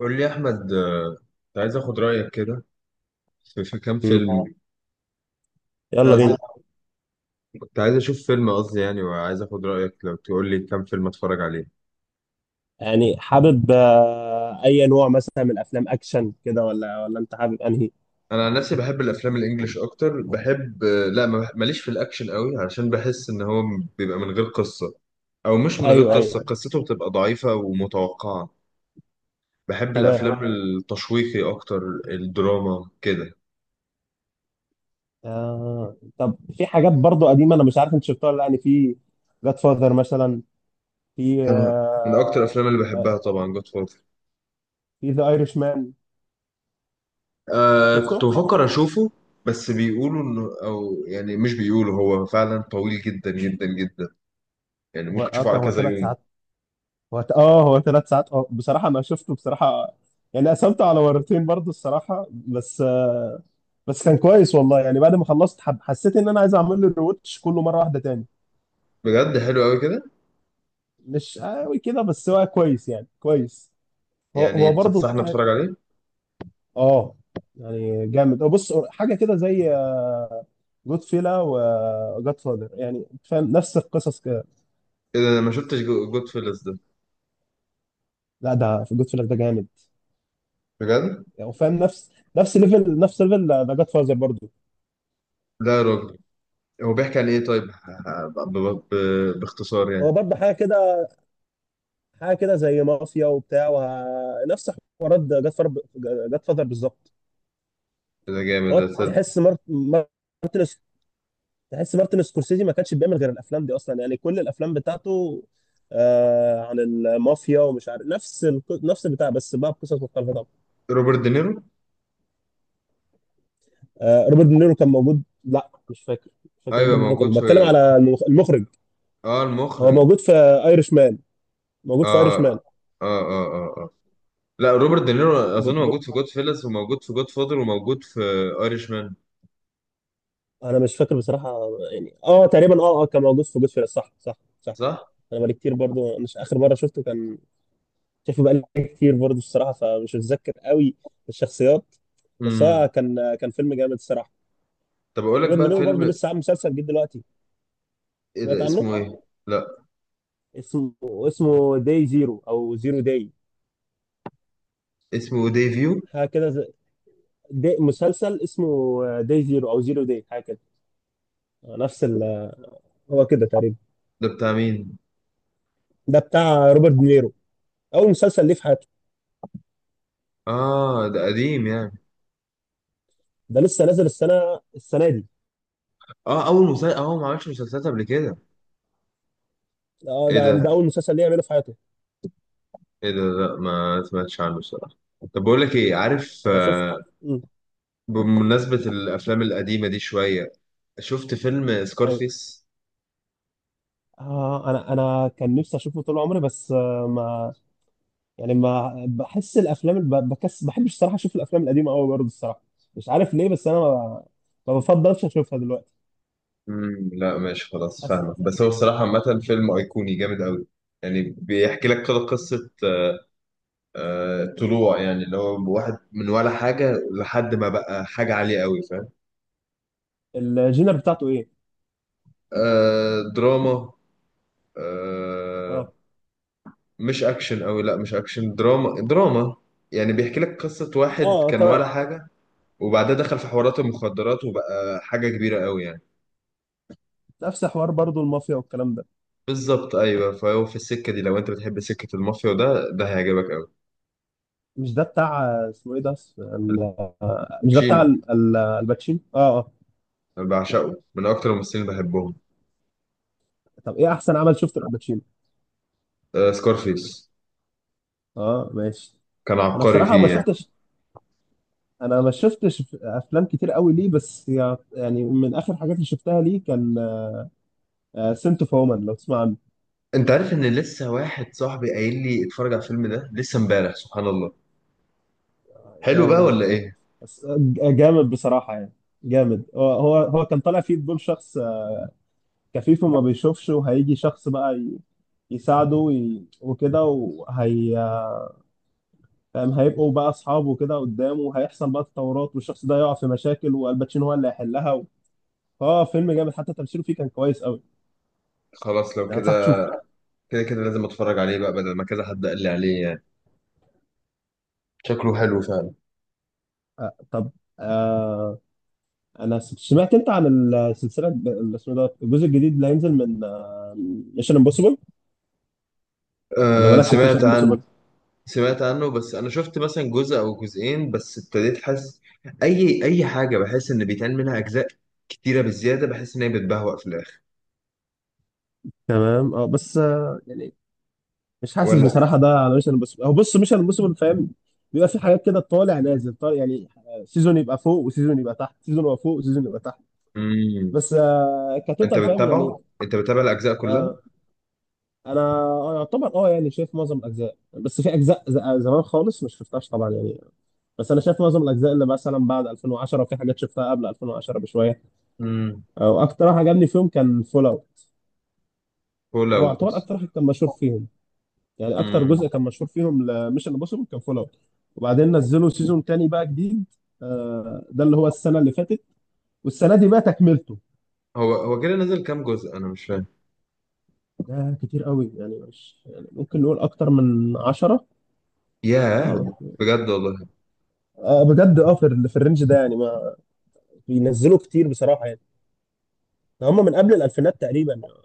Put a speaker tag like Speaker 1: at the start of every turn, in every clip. Speaker 1: قول لي يا احمد آه، كنت عايز اخد رايك كده في كام
Speaker 2: مم.
Speaker 1: فيلم كنت
Speaker 2: يلا
Speaker 1: عايز
Speaker 2: بينا.
Speaker 1: كنت عايز اشوف فيلم قصدي يعني وعايز اخد رايك لو تقول لي كام فيلم اتفرج عليه.
Speaker 2: يعني حابب، اي نوع مثلا؟ من افلام اكشن كده ولا انت حابب انهي؟
Speaker 1: انا عن نفسي بحب الافلام الانجليش اكتر، بحب لا ماليش في الاكشن قوي، علشان بحس ان هو بيبقى من غير قصه، او مش من غير
Speaker 2: ايوه،
Speaker 1: قصه،
Speaker 2: ايوه.
Speaker 1: ايوه قصته بتبقى ضعيفه ومتوقعه. بحب
Speaker 2: تمام.
Speaker 1: الافلام التشويقي اكتر، الدراما كده.
Speaker 2: آه. طب في حاجات برضو قديمه، انا مش عارف انت شفتها ولا لأ، يعني في جاد فاذر مثلا، في
Speaker 1: انا من اكتر الافلام اللي
Speaker 2: آه،
Speaker 1: بحبها طبعا جود فاذر.
Speaker 2: في ذا ايرش مان.
Speaker 1: آه كنت
Speaker 2: شفته.
Speaker 1: بفكر اشوفه، بس بيقولوا انه او يعني مش بيقولوا، هو فعلا طويل جدا جدا جدا، يعني
Speaker 2: هو
Speaker 1: ممكن تشوفه على
Speaker 2: هو
Speaker 1: كذا
Speaker 2: ثلاث
Speaker 1: يوم.
Speaker 2: ساعات. هو هو ثلاث ساعات. اه بصراحه ما شفته بصراحه، يعني قسمته على مرتين برضو الصراحه. بس بس كان كويس والله، يعني بعد ما خلصت حسيت ان انا عايز اعمل له ريوتش كله مره واحده تاني.
Speaker 1: بجد حلو قوي كده؟
Speaker 2: مش قوي كده بس هو كويس، يعني كويس. هو
Speaker 1: يعني
Speaker 2: هو برضه
Speaker 1: تنصحنا
Speaker 2: فاهم.
Speaker 1: نتفرج عليه؟
Speaker 2: اه، يعني جامد. بص حاجه كده زي جود فيلا وجاد فادر، يعني فاهم؟ نفس القصص كده.
Speaker 1: ايه ده، انا ما شفتش جود فيلز ده؟
Speaker 2: لا، ده في جود فيلا ده جامد،
Speaker 1: بجد؟
Speaker 2: يعني فاهم؟ نفس ليفل، نفس ليفل ده جاد فازر برضه.
Speaker 1: لا يا راجل، هو بيحكي عن ايه طيب؟ باختصار يعني.
Speaker 2: هو برضه حاجه كده، حاجه كده زي مافيا وبتاع نفس حوارات جاد فادر. جاد فادر بالظبط.
Speaker 1: إيه ده جامد
Speaker 2: هو
Speaker 1: ده، صدق؟
Speaker 2: تحس مارتن، تحس مارتن سكورسيزي ما كانش بيعمل غير الافلام دي اصلا، يعني كل الافلام بتاعته آه عن المافيا ومش عارف، نفس البتاع، بس بقى بقصص مختلفه طبعا.
Speaker 1: روبرت دينيرو؟
Speaker 2: آه روبرت دينيرو كان موجود. لا مش فاكر، مش فاكر
Speaker 1: ايوه
Speaker 2: روبرت دينيرو،
Speaker 1: موجود
Speaker 2: كان بتكلم
Speaker 1: في،
Speaker 2: على المخرج.
Speaker 1: اه
Speaker 2: هو
Speaker 1: المخرج.
Speaker 2: موجود في ايرش مان، موجود في
Speaker 1: اه
Speaker 2: ايرش مان.
Speaker 1: اه اه اه, آه. لا روبرت دينيرو
Speaker 2: ب...
Speaker 1: اظن
Speaker 2: ب...
Speaker 1: موجود في جود فيلز، وموجود في جود فاذر، وموجود في ايرش مان.
Speaker 2: انا مش فاكر بصراحه، يعني اه تقريبا، اه كان موجود في جود فيلز. صح، صح، صح.
Speaker 1: صح؟
Speaker 2: انا بقالي كتير برضو، مش اخر مره شفته كان شايفه، بقالي كتير برضه الصراحه، فمش متذكر قوي الشخصيات. بس هو كان، كان فيلم جامد الصراحه.
Speaker 1: طب اقول لك
Speaker 2: روبرت
Speaker 1: بقى
Speaker 2: دينيرو برضه
Speaker 1: فيلم.
Speaker 2: لسه عامل مسلسل جديد دلوقتي.
Speaker 1: ايه
Speaker 2: سمعت
Speaker 1: ده
Speaker 2: عنه؟
Speaker 1: اسمه ايه؟ لا.
Speaker 2: اسمه، اسمه داي زيرو او زيرو داي،
Speaker 1: اسمه ديفيو؟
Speaker 2: حاجه كده زي- دي مسلسل اسمه داي زيرو او زيرو داي، حاجه كده. نفس هو كده تقريبا.
Speaker 1: ده بتاع مين؟
Speaker 2: ده بتاع روبرت دينيرو، اول مسلسل ليه في حياته.
Speaker 1: اه ده قديم يعني؟
Speaker 2: ده لسه نازل السنه، السنه دي.
Speaker 1: اه اول مسلسل، اه هو ما عملش مسلسلات قبل كده؟
Speaker 2: اه
Speaker 1: ايه
Speaker 2: ده، ده
Speaker 1: ده.
Speaker 2: اول مسلسل ليه يعمله في حياته.
Speaker 1: ايه ده، لا ما سمعتش عنه الصراحه. طب بقول لك ايه، عارف
Speaker 2: انا شفت.
Speaker 1: آه،
Speaker 2: مم.
Speaker 1: بمناسبة الافلام القديمة دي شوية، شفت فيلم
Speaker 2: ايوه.
Speaker 1: سكارفيس؟
Speaker 2: آه انا كان نفسي اشوفه طول عمري، بس آه ما، يعني ما بحس الافلام بكس بحبش الصراحه اشوف الافلام القديمه قوي برضه الصراحه، مش عارف ليه، بس انا ما، ما بفضلش اشوفها دلوقتي.
Speaker 1: لا ماشي خلاص
Speaker 2: أس...
Speaker 1: فاهمك، بس هو الصراحة عامة فيلم ايقوني جامد قوي. يعني بيحكي لك كده قصة آه طلوع، يعني اللي هو واحد من ولا حاجة لحد ما بقى حاجة عالية قوي، فاهم؟
Speaker 2: الجينر بتاعته ايه؟
Speaker 1: آه دراما. آه
Speaker 2: اه،
Speaker 1: مش اكشن قوي، لا مش اكشن، دراما دراما. يعني بيحكي لك قصة واحد
Speaker 2: اه
Speaker 1: كان ولا
Speaker 2: تمام.
Speaker 1: حاجة، وبعدها دخل في حوارات المخدرات وبقى حاجة كبيرة قوي يعني.
Speaker 2: نفس حوار برضه المافيا والكلام ده.
Speaker 1: بالظبط ايوه، فهو في السكة دي، لو انت بتحب سكة المافيا وده، ده هيعجبك قوي.
Speaker 2: مش ده بتاع، اسمه ايه ده مش ده بتاع
Speaker 1: الباتشينو؟
Speaker 2: الباتشينو؟ اه، اه.
Speaker 1: أنا بعشقه، من اكتر الممثلين اللي بحبهم.
Speaker 2: طب ايه احسن عمل شفته الباتشينو؟
Speaker 1: آه سكارفيس،
Speaker 2: اه ماشي.
Speaker 1: كان
Speaker 2: انا
Speaker 1: عبقري
Speaker 2: بصراحه
Speaker 1: فيه
Speaker 2: ما
Speaker 1: يعني.
Speaker 2: شفتش، انا ما شفتش افلام كتير قوي ليه، بس يعني من اخر حاجات اللي شفتها ليه كان سنت اوف وومن، لو تسمع
Speaker 1: انت عارف ان لسه واحد صاحبي قايل لي اتفرج على الفيلم ده لسه امبارح، سبحان الله. حلو بقى
Speaker 2: عنه.
Speaker 1: ولا ايه؟
Speaker 2: بس جامد بصراحة يعني، جامد. هو كان طالع فيه بدور شخص كفيف وما بيشوفش، وهيجي شخص بقى يساعده وكده، وهي فاهم هيبقوا بقى أصحاب وكده قدامه، وهيحصل بقى تطورات والشخص ده يقع في مشاكل والباتشينو هو اللي هيحلها، فهو فيلم جامد، حتى تمثيله فيه كان كويس قوي.
Speaker 1: خلاص لو
Speaker 2: يعني أنصحك
Speaker 1: كده،
Speaker 2: تشوفه.
Speaker 1: كده كده لازم اتفرج عليه بقى، بدل ما كذا حد قال لي عليه يعني. شكله حلو فعلا.
Speaker 2: طب، آه، أنا سمعت أنت عن السلسلة اللي اسمه ده، الجزء الجديد اللي هينزل من ميشن امبوسيبل؟ ولا
Speaker 1: أه
Speaker 2: مالكش في ميشن
Speaker 1: سمعت عن،
Speaker 2: امبوسيبل؟
Speaker 1: سمعت عنه. بس انا شفت مثلا جزء او جزئين، بس ابتديت حاسس اي حاجه بحس ان بيتعمل منها اجزاء كتيره بزياده، بحس ان هي بتبهوأ في الاخر.
Speaker 2: تمام اه. بس آه، مش حاسس
Speaker 1: ولا.
Speaker 2: بصراحه ده على، مش الموسم. هو بص مش الموسم، فاهم؟ بيبقى في حاجات كده طالع نازل طالع، يعني سيزون يبقى فوق وسيزون يبقى تحت، سيزون يبقى فوق وسيزون يبقى تحت.
Speaker 1: امم
Speaker 2: بس آه
Speaker 1: انت
Speaker 2: كتوتال فاهم يعني.
Speaker 1: بتتابعه، انت بتتابع الاجزاء كلها؟
Speaker 2: آه. انا، يعتبر، اه يعني شايف معظم الاجزاء، بس في اجزاء زمان خالص ما شفتهاش طبعا، يعني بس انا شايف معظم الاجزاء اللي مثلا بعد 2010، وفي حاجات شفتها قبل 2010 بشويه.
Speaker 1: امم.
Speaker 2: واكتر واحد عجبني فيهم كان فول اوت.
Speaker 1: فول
Speaker 2: هو يعتبر
Speaker 1: اوت.
Speaker 2: اكتر واحد كان مشهور فيهم، يعني اكتر
Speaker 1: امم.
Speaker 2: جزء كان مشهور فيهم، مش امبوسيبل، كان فول اوت. وبعدين نزلوا سيزون تاني بقى جديد، ده اللي هو السنه اللي فاتت، والسنه دي بقى تكملته.
Speaker 1: هو كده نزل كام جزء، انا مش فاهم.
Speaker 2: ده كتير قوي يعني، مش يعني، ممكن نقول اكتر من عشرة.
Speaker 1: ياه.
Speaker 2: اه.
Speaker 1: بجد والله.
Speaker 2: بجد، اه. في في الرينج ده، يعني ما بينزلوا كتير بصراحه يعني. ده هم من قبل الالفينات تقريبا يعني،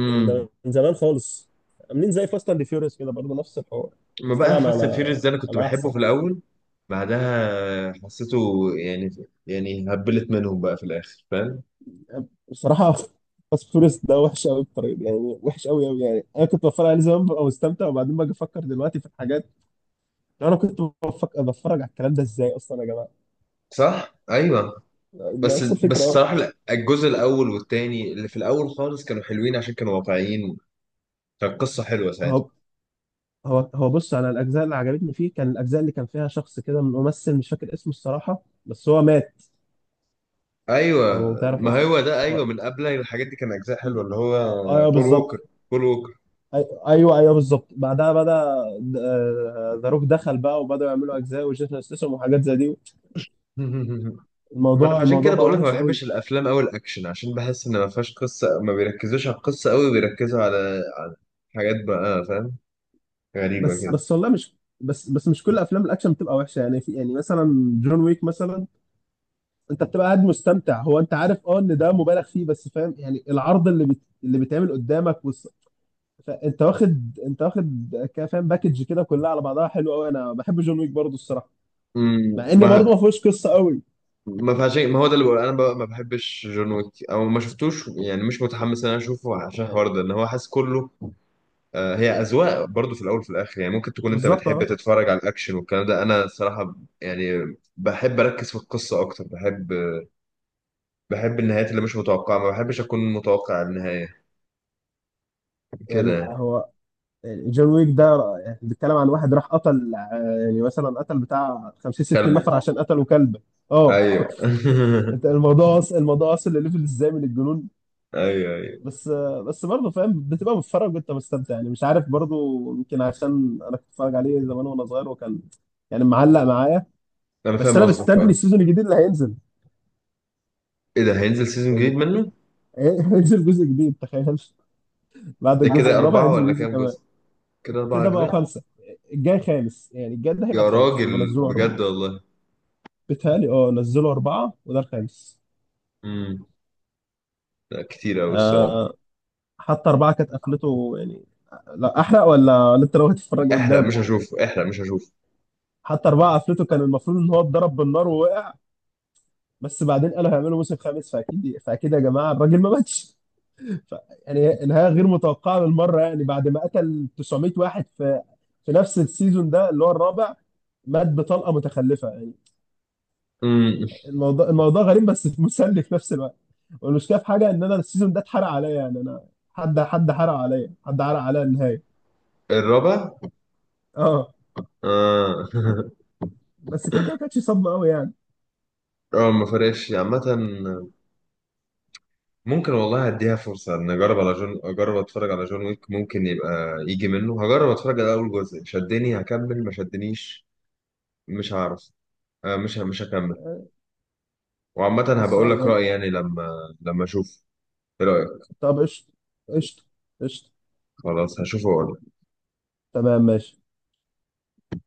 Speaker 2: يعني ده من زمان خالص. عاملين زي فاست اند فيوريوس كده برضه، نفس الحوار.
Speaker 1: ما
Speaker 2: بس
Speaker 1: بقى
Speaker 2: طبعا
Speaker 1: فاست
Speaker 2: على،
Speaker 1: اند فيوريوس ده انا كنت
Speaker 2: على
Speaker 1: بحبه
Speaker 2: احسن.
Speaker 1: في الاول، بعدها حسيته يعني هبلت منهم بقى في الاخر، فاهم؟
Speaker 2: بصراحة فاست فوريوس ده وحش قوي بطريقة، يعني وحش قوي قوي يعني. أنا كنت بتفرج عليه زمان ببقى مستمتع، وبعدين باجي أفكر دلوقتي في الحاجات، لو أنا كنت بتفرج على الكلام ده إزاي أصلا يا جماعة؟
Speaker 1: صح ايوه. بس
Speaker 2: نفس
Speaker 1: بس
Speaker 2: الفكرة.
Speaker 1: الصراحه لا، الجزء الاول والتاني اللي في الاول خالص كانوا حلوين، عشان كانوا واقعيين. كانت قصه حلوه ساعتها.
Speaker 2: هو هو بص، أنا الأجزاء اللي عجبتني فيه كان الأجزاء اللي كان فيها شخص كده، من ممثل مش فاكر اسمه الصراحة بس هو مات.
Speaker 1: ايوه،
Speaker 2: لو تعرف
Speaker 1: ما
Speaker 2: اسمه.
Speaker 1: هو ده ايوه،
Speaker 2: هو،
Speaker 1: من قبل الحاجات دي كان اجزاء حلوه، اللي هو
Speaker 2: أيوه
Speaker 1: بول
Speaker 2: بالظبط.
Speaker 1: ووكر. بول ووكر.
Speaker 2: أيوه، أيوه بالظبط. بعدها بدأ ذا روك دخل بقى، وبدأوا يعملوا أجزاء وجيسون ستاثام وحاجات زي دي.
Speaker 1: ما انا
Speaker 2: الموضوع
Speaker 1: عشان
Speaker 2: الموضوع
Speaker 1: كده
Speaker 2: بقى
Speaker 1: بقول لك ما
Speaker 2: وحش
Speaker 1: بحبش
Speaker 2: قوي.
Speaker 1: الافلام او الاكشن، عشان بحس ان ما فيهاش قصه، ما بيركزوش على القصه قوي، بيركزوا على حاجات بقى فاهم، غريبة
Speaker 2: بس
Speaker 1: كده.
Speaker 2: بس والله، مش بس مش كل افلام الاكشن بتبقى وحشه. يعني في، يعني مثلا جون ويك مثلا، انت بتبقى قاعد مستمتع. هو انت عارف اه ان ده مبالغ فيه، بس فاهم يعني العرض اللي اللي بيتعمل قدامك فانت واخد، انت واخد كده فاهم، باكج كده كلها على بعضها حلو قوي. انا بحب جون ويك برضه الصراحه،
Speaker 1: امم
Speaker 2: مع ان
Speaker 1: ما
Speaker 2: برضه ما فيهوش قصه قوي،
Speaker 1: ما فعشان ما هو ده اللي بقول، انا بقى ما بحبش جون ويك او ما شفتوش، يعني مش متحمس ان انا اشوفه عشان
Speaker 2: يعني.
Speaker 1: الحوار ده، ان هو حاسس كله. آه، هي اذواق برضو، في الاول وفي الاخر يعني، ممكن تكون انت
Speaker 2: بالظبط
Speaker 1: بتحب
Speaker 2: اه.
Speaker 1: تتفرج على الاكشن والكلام ده، انا الصراحة يعني بحب اركز في القصة اكتر، بحب بحب النهايات اللي مش متوقعة، ما بحبش اكون متوقع النهاية كده
Speaker 2: يعني
Speaker 1: يعني.
Speaker 2: هو، يعني جون ويك ده يعني بيتكلم عن واحد راح قتل، يعني مثلا قتل بتاع 50 60
Speaker 1: كلب.
Speaker 2: نفر عشان قتلوا كلب. اه.
Speaker 1: ايوه
Speaker 2: انت الموضوع اصلا لليفل ازاي من الجنون!
Speaker 1: ايوه ايوه.
Speaker 2: بس بس برضه فاهم، بتبقى بتتفرج وانت مستمتع يعني، مش عارف برضه، يمكن عشان انا كنت بتفرج عليه زمان وانا صغير، وكان يعني معلق معايا.
Speaker 1: انا
Speaker 2: بس
Speaker 1: فاهم
Speaker 2: انا
Speaker 1: قصدك
Speaker 2: مستني
Speaker 1: آه.
Speaker 2: السيزون الجديد اللي هينزل،
Speaker 1: ايه ده، هينزل سيزون
Speaker 2: يعني.
Speaker 1: جديد منه؟
Speaker 2: هينزل جزء جديد تخيل، بعد
Speaker 1: ده
Speaker 2: الجزء
Speaker 1: كده
Speaker 2: الرابع
Speaker 1: اربعة
Speaker 2: هينزل
Speaker 1: ولا
Speaker 2: جزء
Speaker 1: كام
Speaker 2: كمان.
Speaker 1: جزء؟ كده اربعة
Speaker 2: كده بقى
Speaker 1: اجزاء.
Speaker 2: خمسه، الجاي خامس. يعني الجاي ده هيبقى
Speaker 1: يا
Speaker 2: الخامس، هم
Speaker 1: راجل،
Speaker 2: نزلوا اربعه.
Speaker 1: بجد والله.
Speaker 2: بيتهيألي اه نزلوا اربعه وده الخامس.
Speaker 1: امم. لا كتير قوي
Speaker 2: آه،
Speaker 1: الصراحه.
Speaker 2: حتى اربعه كانت قفلته يعني. لا احرق ولا انت لو هتتفرج
Speaker 1: احرق
Speaker 2: قدام.
Speaker 1: مش هشوف، احرق مش هشوف.
Speaker 2: حتى أربعة قفلته، كان المفروض إن هو اتضرب بالنار ووقع، بس بعدين قالوا هيعملوا موسم خامس. فأكيد، فأكيد يا جماعة الراجل ما ماتش. ف- يعني نهاية غير متوقعة للمرة، يعني بعد ما قتل 900 واحد في في نفس السيزون ده اللي هو الرابع، مات بطلقة متخلفة يعني.
Speaker 1: امم.
Speaker 2: الموضوع غريب، بس مسلي في نفس الوقت. والمشكلة في حاجة إن أنا السيزون ده اتحرق عليا، يعني أنا حد حرق عليا، حد حرق عليا النهاية.
Speaker 1: الرابع.
Speaker 2: أه.
Speaker 1: اه
Speaker 2: بس كده كده كانتش صدمة أوي يعني.
Speaker 1: اه ما فرقش عامه. ممكن والله اديها فرصه ان اجرب على جون، اجرب اتفرج على جون ويك، ممكن يبقى يجي منه. هجرب اتفرج على اول جزء، شدني هكمل، ما شدنيش مش هعرف. آه مش هكمل.
Speaker 2: آه.
Speaker 1: وعامه
Speaker 2: بس
Speaker 1: هبقول
Speaker 2: آه،
Speaker 1: لك
Speaker 2: يعني
Speaker 1: رايي يعني، لما لما اشوف. ايه رايك؟
Speaker 2: طب قشطة، قشطة، قشطة.
Speaker 1: خلاص هشوفه واقول.
Speaker 2: تمام ماشي.